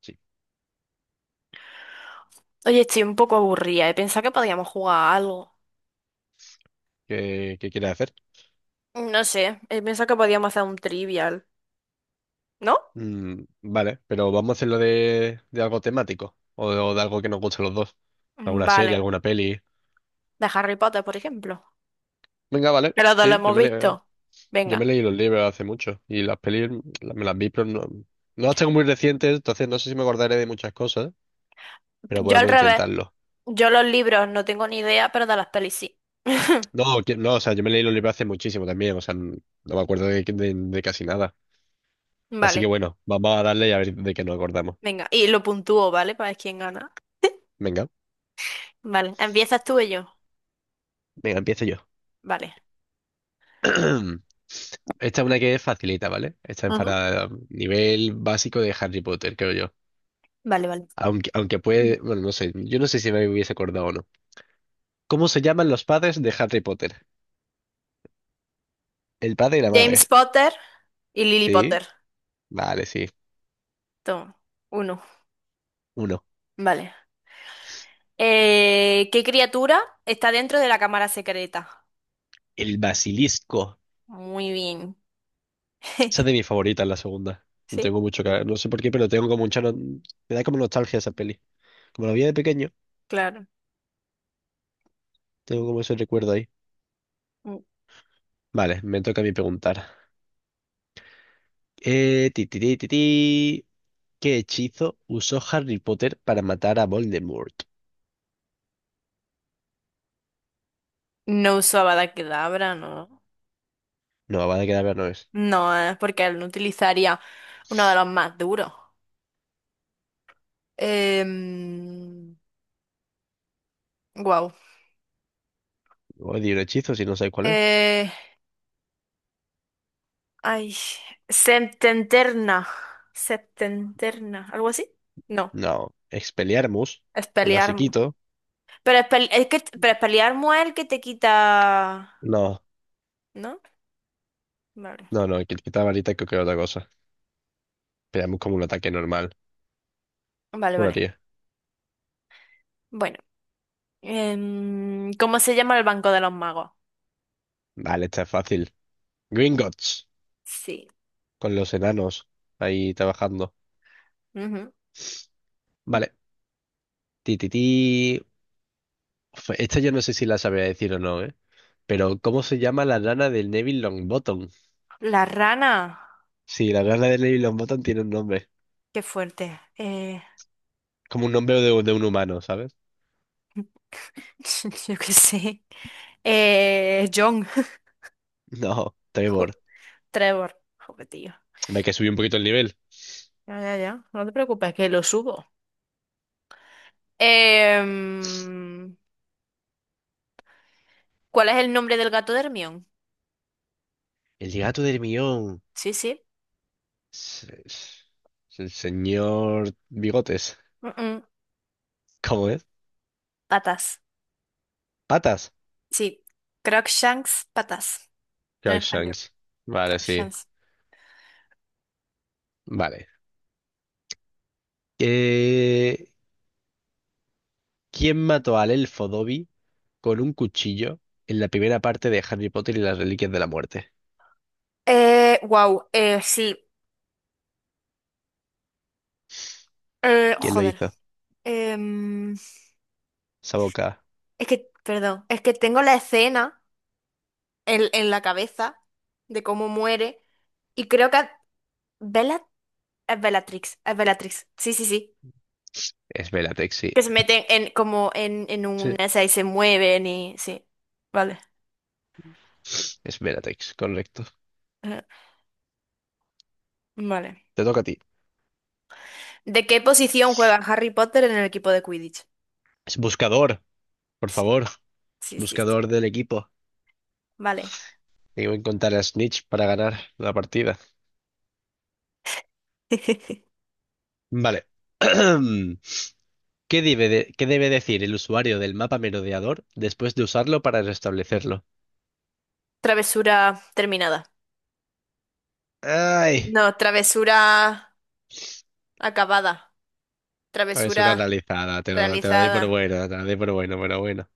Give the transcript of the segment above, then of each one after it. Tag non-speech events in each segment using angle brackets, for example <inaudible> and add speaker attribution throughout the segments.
Speaker 1: Sí.
Speaker 2: Oye, estoy un poco aburrida. He pensado que podíamos jugar a algo.
Speaker 1: ¿Qué, qué quieres hacer?
Speaker 2: No sé, he pensado que podíamos hacer un trivial, ¿no?
Speaker 1: Vale, pero vamos a hacerlo de algo temático o de algo que nos guste a los dos. ¿Alguna serie,
Speaker 2: Vale.
Speaker 1: alguna peli?
Speaker 2: De Harry Potter, por ejemplo.
Speaker 1: Venga, vale,
Speaker 2: Que los dos lo
Speaker 1: sí,
Speaker 2: hemos visto.
Speaker 1: yo me
Speaker 2: Venga.
Speaker 1: leí los libros hace mucho y las pelis me las vi, pero no, no las tengo muy recientes, entonces no sé si me acordaré de muchas cosas, pero
Speaker 2: Yo al
Speaker 1: podemos
Speaker 2: revés.
Speaker 1: intentarlo.
Speaker 2: Yo los libros no tengo ni idea, pero de las pelis sí. <laughs>
Speaker 1: No, no, o sea, yo me leí los libros hace muchísimo también, o sea, no me acuerdo de casi nada. Así que
Speaker 2: Vale.
Speaker 1: bueno, vamos a darle y a ver de qué nos acordamos.
Speaker 2: Venga. Y lo puntúo, ¿vale? Para ver quién gana.
Speaker 1: Venga,
Speaker 2: Vale. ¿Empiezas tú y yo?
Speaker 1: venga, empiezo yo.
Speaker 2: Vale.
Speaker 1: <clears throat> Esta es una que es facilita, ¿vale? Esta es
Speaker 2: Ajá.
Speaker 1: para nivel básico de Harry Potter, creo yo.
Speaker 2: Vale, vale.
Speaker 1: Aunque puede, bueno, no sé, yo no sé si me hubiese acordado o no. ¿Cómo se llaman los padres de Harry Potter? El padre y la
Speaker 2: James
Speaker 1: madre.
Speaker 2: Potter y Lily
Speaker 1: ¿Sí?
Speaker 2: Potter.
Speaker 1: Vale, sí.
Speaker 2: Toma. Uno.
Speaker 1: Uno.
Speaker 2: Vale. ¿Qué criatura está dentro de la cámara secreta?
Speaker 1: El basilisco.
Speaker 2: Muy bien.
Speaker 1: Esa es de
Speaker 2: <laughs>
Speaker 1: mi favorita, la segunda. No
Speaker 2: Sí,
Speaker 1: tengo mucho que... No sé por qué, pero tengo como mucha... Me da como nostalgia esa peli. Como la vi de pequeño,
Speaker 2: claro.
Speaker 1: tengo como ese recuerdo ahí.
Speaker 2: N-
Speaker 1: Vale, me toca a mí preguntar. Ti, ti, ti, ti, ti. ¿Qué hechizo usó Harry Potter para matar a Voldemort?
Speaker 2: No usaba la Kedavra, no.
Speaker 1: No, van a quedar ver, no es.
Speaker 2: No, porque él no utilizaría uno de los más duros. Eh, wow.
Speaker 1: Odio un hechizo si no sé cuál es.
Speaker 2: Eh, ay, septenterna. Septenterna, ¿algo así? No,
Speaker 1: No. Expelliarmus, el
Speaker 2: Expelliarmus.
Speaker 1: basiquito.
Speaker 2: Pero Expel- es que, pero Expelliarmus es el que te quita,
Speaker 1: No,
Speaker 2: ¿no? Vale,
Speaker 1: no, que quita varita creo que otra cosa. Pegamos como un ataque normal,
Speaker 2: vale, vale.
Speaker 1: juraría.
Speaker 2: Bueno. ¿Cómo se llama el Banco de los Magos?
Speaker 1: Vale, está fácil. Gringotts,
Speaker 2: Sí.
Speaker 1: con los enanos ahí trabajando.
Speaker 2: Ujú.
Speaker 1: Vale. Ti, ti, ti. Uf, esta yo no sé si la sabía decir o no, ¿eh? Pero, ¿cómo se llama la rana del Neville Longbottom?
Speaker 2: La rana.
Speaker 1: Sí, la rana del Neville Longbottom tiene un nombre.
Speaker 2: Qué fuerte.
Speaker 1: Como un nombre de un humano, ¿sabes?
Speaker 2: <laughs> Yo qué sé. John. <laughs>
Speaker 1: No,
Speaker 2: Jo,
Speaker 1: Trevor.
Speaker 2: Trevor. Joder, tío.
Speaker 1: Ve que subí un poquito el nivel.
Speaker 2: Ya, ya, ya. No te preocupes, que lo subo. Em, ¿Cuál es el nombre del gato de Hermione?
Speaker 1: El gato del millón.
Speaker 2: Sí, sí.
Speaker 1: es El señor Bigotes.
Speaker 2: Mm-mm,
Speaker 1: ¿Cómo es?
Speaker 2: patas.
Speaker 1: Patas.
Speaker 2: Sí. Crookshanks, patas. En español.
Speaker 1: Crookshanks. Vale, sí.
Speaker 2: Crookshanks.
Speaker 1: Vale. Eh, ¿Quién mató al elfo Dobby con un cuchillo en la primera parte de Harry Potter y las Reliquias de la Muerte?
Speaker 2: Wow. Sí.
Speaker 1: ¿Quién lo
Speaker 2: Joder.
Speaker 1: hizo?
Speaker 2: Em,
Speaker 1: Saboka.
Speaker 2: Es que, perdón, es que tengo la escena en la cabeza de cómo muere y creo que Bella, es Bellatrix, sí, sí, sí,
Speaker 1: Es Bellatrix, sí.
Speaker 2: que se meten en como en
Speaker 1: Sí.
Speaker 2: una esa y se mueven y sí, vale,
Speaker 1: Es Bellatrix, correcto.
Speaker 2: eh, vale.
Speaker 1: Te toca a ti.
Speaker 2: ¿De qué posición juega Harry Potter en el equipo de Quidditch?
Speaker 1: Es buscador, por
Speaker 2: Sí,
Speaker 1: favor. Es
Speaker 2: sí, sí, sí,
Speaker 1: buscador del equipo.
Speaker 2: vale.
Speaker 1: Tengo que contar a Snitch para ganar la partida.
Speaker 2: <laughs>
Speaker 1: Vale. <clears throat> ¿Qué debe decir el usuario del mapa merodeador después de usarlo para restablecerlo?
Speaker 2: Travesura terminada.
Speaker 1: ¡Ay!
Speaker 2: No, travesura acabada,
Speaker 1: Es una
Speaker 2: travesura
Speaker 1: analizada, te lo doy por
Speaker 2: realizada.
Speaker 1: bueno, te lo doy por bueno, pero bueno.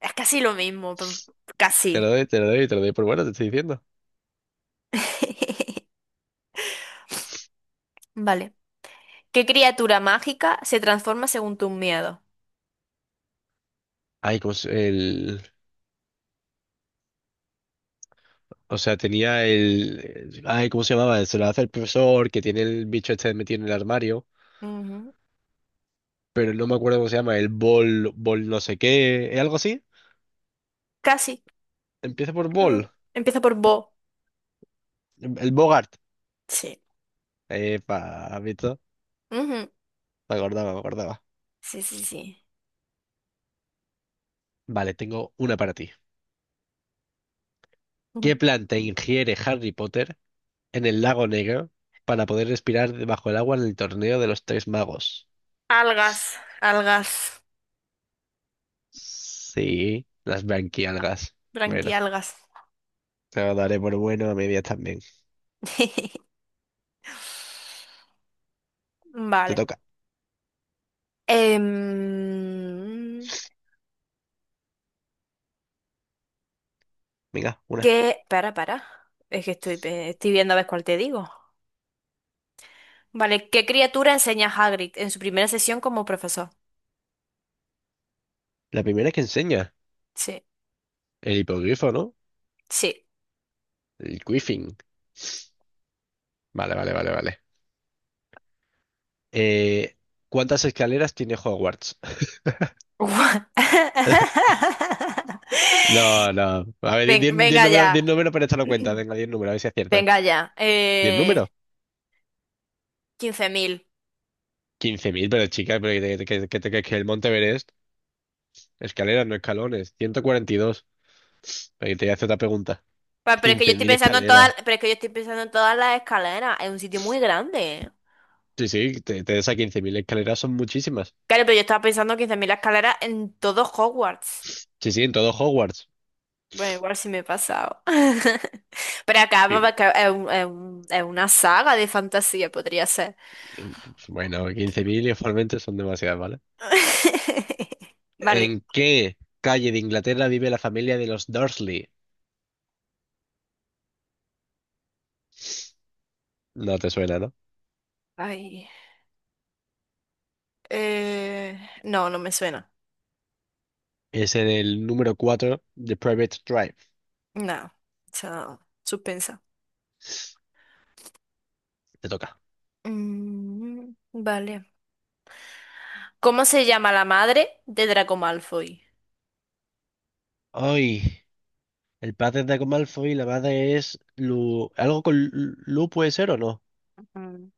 Speaker 2: Es casi lo mismo, pero casi.
Speaker 1: Te lo doy por bueno, te estoy diciendo.
Speaker 2: <laughs> Vale. ¿Qué criatura mágica se transforma según tus miedos?
Speaker 1: Ay, el... O sea, tenía el... Ay, ¿cómo se llamaba? Se lo hace el profesor que tiene el bicho este metido en el armario,
Speaker 2: Ujú.
Speaker 1: pero no me acuerdo cómo se llama, el bol no sé qué, ¿es algo así?
Speaker 2: Casi.
Speaker 1: Empieza por bol,
Speaker 2: Mm. Empieza por bo.
Speaker 1: el Bogart.
Speaker 2: Sí.
Speaker 1: Epa, ¿has visto?
Speaker 2: Ujú.
Speaker 1: Me acordaba.
Speaker 2: Sí, sí, sí.
Speaker 1: Vale, tengo una para ti.
Speaker 2: Ujú.
Speaker 1: ¿Qué planta ingiere Harry Potter en el lago negro para poder respirar debajo del agua en el torneo de los tres magos?
Speaker 2: Algas, algas,
Speaker 1: Sí, las branquialgas. Bueno,
Speaker 2: branquialgas.
Speaker 1: te lo daré por bueno a medias también.
Speaker 2: <laughs>
Speaker 1: Te
Speaker 2: Vale.
Speaker 1: toca.
Speaker 2: Em,
Speaker 1: Venga, una.
Speaker 2: ¿Qué? Para, para. Es que estoy, pe- estoy viendo a ver cuál te digo. Vale, ¿qué criatura enseña Hagrid en su primera sesión como profesor?
Speaker 1: La primera que enseña.
Speaker 2: Sí,
Speaker 1: El hipogrifo, ¿no?
Speaker 2: sí.
Speaker 1: El quiffing. Vale. Eh, ¿Cuántas escaleras tiene Hogwarts? <laughs>
Speaker 2: Guau. <laughs>
Speaker 1: No, no. A ver,
Speaker 2: Ven- venga ya.
Speaker 1: diez números para echarlo cuenta. Venga, diez números, a ver si aciertas.
Speaker 2: Venga ya.
Speaker 1: Di el número.
Speaker 2: 15.000.
Speaker 1: Quince mil, pero chica, pero que el Monte Everest, escaleras, no escalones. 142. Pero que te voy a hacer otra pregunta.
Speaker 2: Pa- Pero es que yo
Speaker 1: Quince
Speaker 2: estoy
Speaker 1: mil
Speaker 2: pensando en todas,
Speaker 1: escaleras.
Speaker 2: pero es que yo estoy pensando en todas las escaleras. Es un sitio muy grande.
Speaker 1: Sí, sí, te esas 15.000 escaleras son muchísimas.
Speaker 2: Claro, pero yo estaba pensando 15.000 escaleras en todo Hogwarts.
Speaker 1: Sí, sí, en todo Hogwarts.
Speaker 2: Bueno, igual sí me he pasado. <laughs> Pero acá
Speaker 1: Y-
Speaker 2: vamos a ca- es un- es un- es una saga de fantasía, podría ser.
Speaker 1: pues, bueno, 15.000 igualmente son demasiadas, ¿vale?
Speaker 2: <laughs> Vale.
Speaker 1: ¿En qué calle de Inglaterra vive la familia de los Dursley? No te suena, ¿no?
Speaker 2: Ay. No, no me suena.
Speaker 1: Es en el número 4 de Private Drive.
Speaker 2: No. O sea, suspensa.
Speaker 1: Te toca.
Speaker 2: Mm, vale. ¿Cómo se llama la madre de Draco Malfoy?
Speaker 1: Ay. El padre es Draco Malfoy y la madre es Lu. ¿Algo con Lu puede ser o no?
Speaker 2: Mm.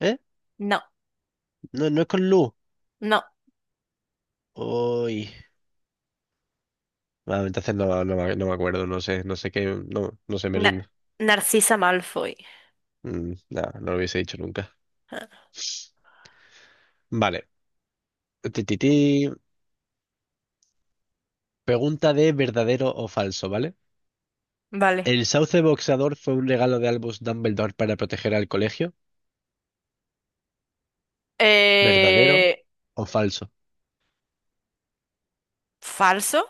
Speaker 1: ¿Eh?
Speaker 2: No,
Speaker 1: No, no es con Lu.
Speaker 2: no,
Speaker 1: Uy. Ah, entonces no, no, me no me acuerdo, no sé, no sé qué, no, no sé, me
Speaker 2: Na-
Speaker 1: rindo.
Speaker 2: Narcisa Malfoy.
Speaker 1: No, no lo hubiese dicho nunca. Vale. Ti, ti, ti. Pregunta de verdadero o falso, ¿vale?
Speaker 2: Vale.
Speaker 1: ¿El sauce boxeador fue un regalo de Albus Dumbledore para proteger al colegio? ¿Verdadero
Speaker 2: Eh,
Speaker 1: o falso?
Speaker 2: ¿Falso?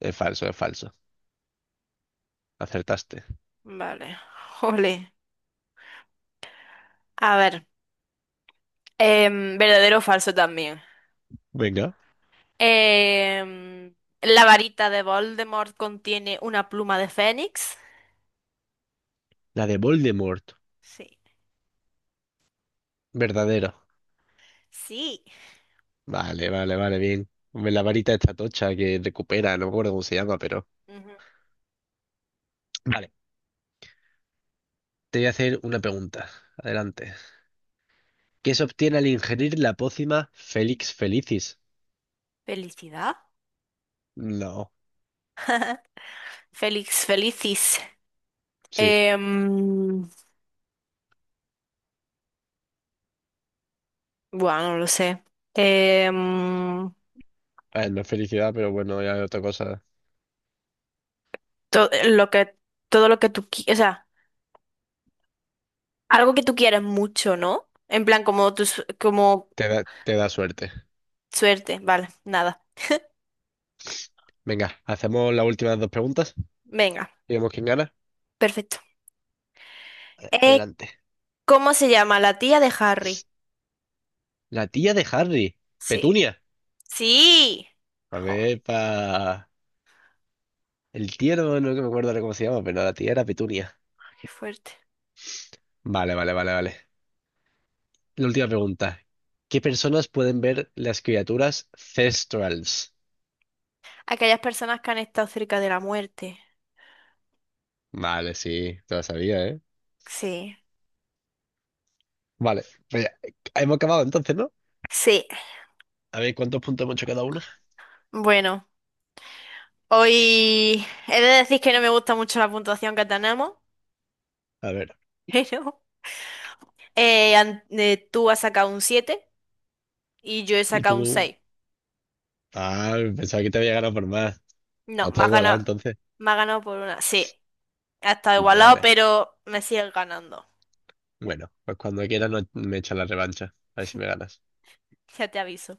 Speaker 1: Es falso, es falso. Acertaste.
Speaker 2: Vale. Jole. A ver. Em, verdadero o falso también.
Speaker 1: Venga.
Speaker 2: Em, ¿La varita de Voldemort contiene una pluma de fénix?
Speaker 1: La de Voldemort.
Speaker 2: Sí.
Speaker 1: Verdadero.
Speaker 2: Sí.
Speaker 1: Vale, bien. Hombre, la varita esta tocha que recupera, no me acuerdo cómo se llama, pero...
Speaker 2: Ujú.
Speaker 1: Vale, te voy a hacer una pregunta. Adelante. ¿Qué se obtiene al ingerir la pócima Felix Felicis?
Speaker 2: ¿Felicidad?
Speaker 1: No,
Speaker 2: Félix, felicis.
Speaker 1: sí.
Speaker 2: Em, buah, no lo sé. Em,
Speaker 1: A ver, no es felicidad, pero bueno, ya es otra cosa.
Speaker 2: todo lo que tú qui- o sea, algo que tú quieras mucho, ¿no? En plan como tu su- como
Speaker 1: Te da suerte.
Speaker 2: suerte, vale, nada.
Speaker 1: Venga, hacemos las últimas dos preguntas
Speaker 2: Venga,
Speaker 1: y vemos quién gana.
Speaker 2: perfecto. Eh,
Speaker 1: Adelante.
Speaker 2: ¿Cómo se llama la tía de Harry?
Speaker 1: La tía de Harry,
Speaker 2: Sí.
Speaker 1: Petunia.
Speaker 2: Sí.
Speaker 1: A
Speaker 2: Jo,
Speaker 1: ver, pa... El tío no, que me acuerdo ahora cómo se llama, pero no, la tía era Petunia.
Speaker 2: qué fuerte.
Speaker 1: Vale. La última pregunta. ¿Qué personas pueden ver las criaturas Thestrals?
Speaker 2: Aquellas personas que han estado cerca de la muerte.
Speaker 1: Vale, sí, te lo sabía, ¿eh?
Speaker 2: Sí.
Speaker 1: Vale, pues ya, hemos acabado entonces, ¿no?
Speaker 2: Sí.
Speaker 1: A ver cuántos puntos hemos hecho cada uno.
Speaker 2: Bueno, hoy he de decir que no me gusta mucho la puntuación que tenemos,
Speaker 1: A ver,
Speaker 2: <laughs> pero tú has sacado un 7 y yo he
Speaker 1: y
Speaker 2: sacado un
Speaker 1: tú.
Speaker 2: seis.
Speaker 1: Ah, pensaba que te había ganado por más. Ah,
Speaker 2: No,
Speaker 1: está igualado entonces.
Speaker 2: me has ganado por una. Sí, ha estado
Speaker 1: Vale,
Speaker 2: igualado,
Speaker 1: vale.
Speaker 2: pero me sigues ganando.
Speaker 1: Bueno, pues cuando quieras me echas la revancha. A ver si me ganas.
Speaker 2: Ya te aviso.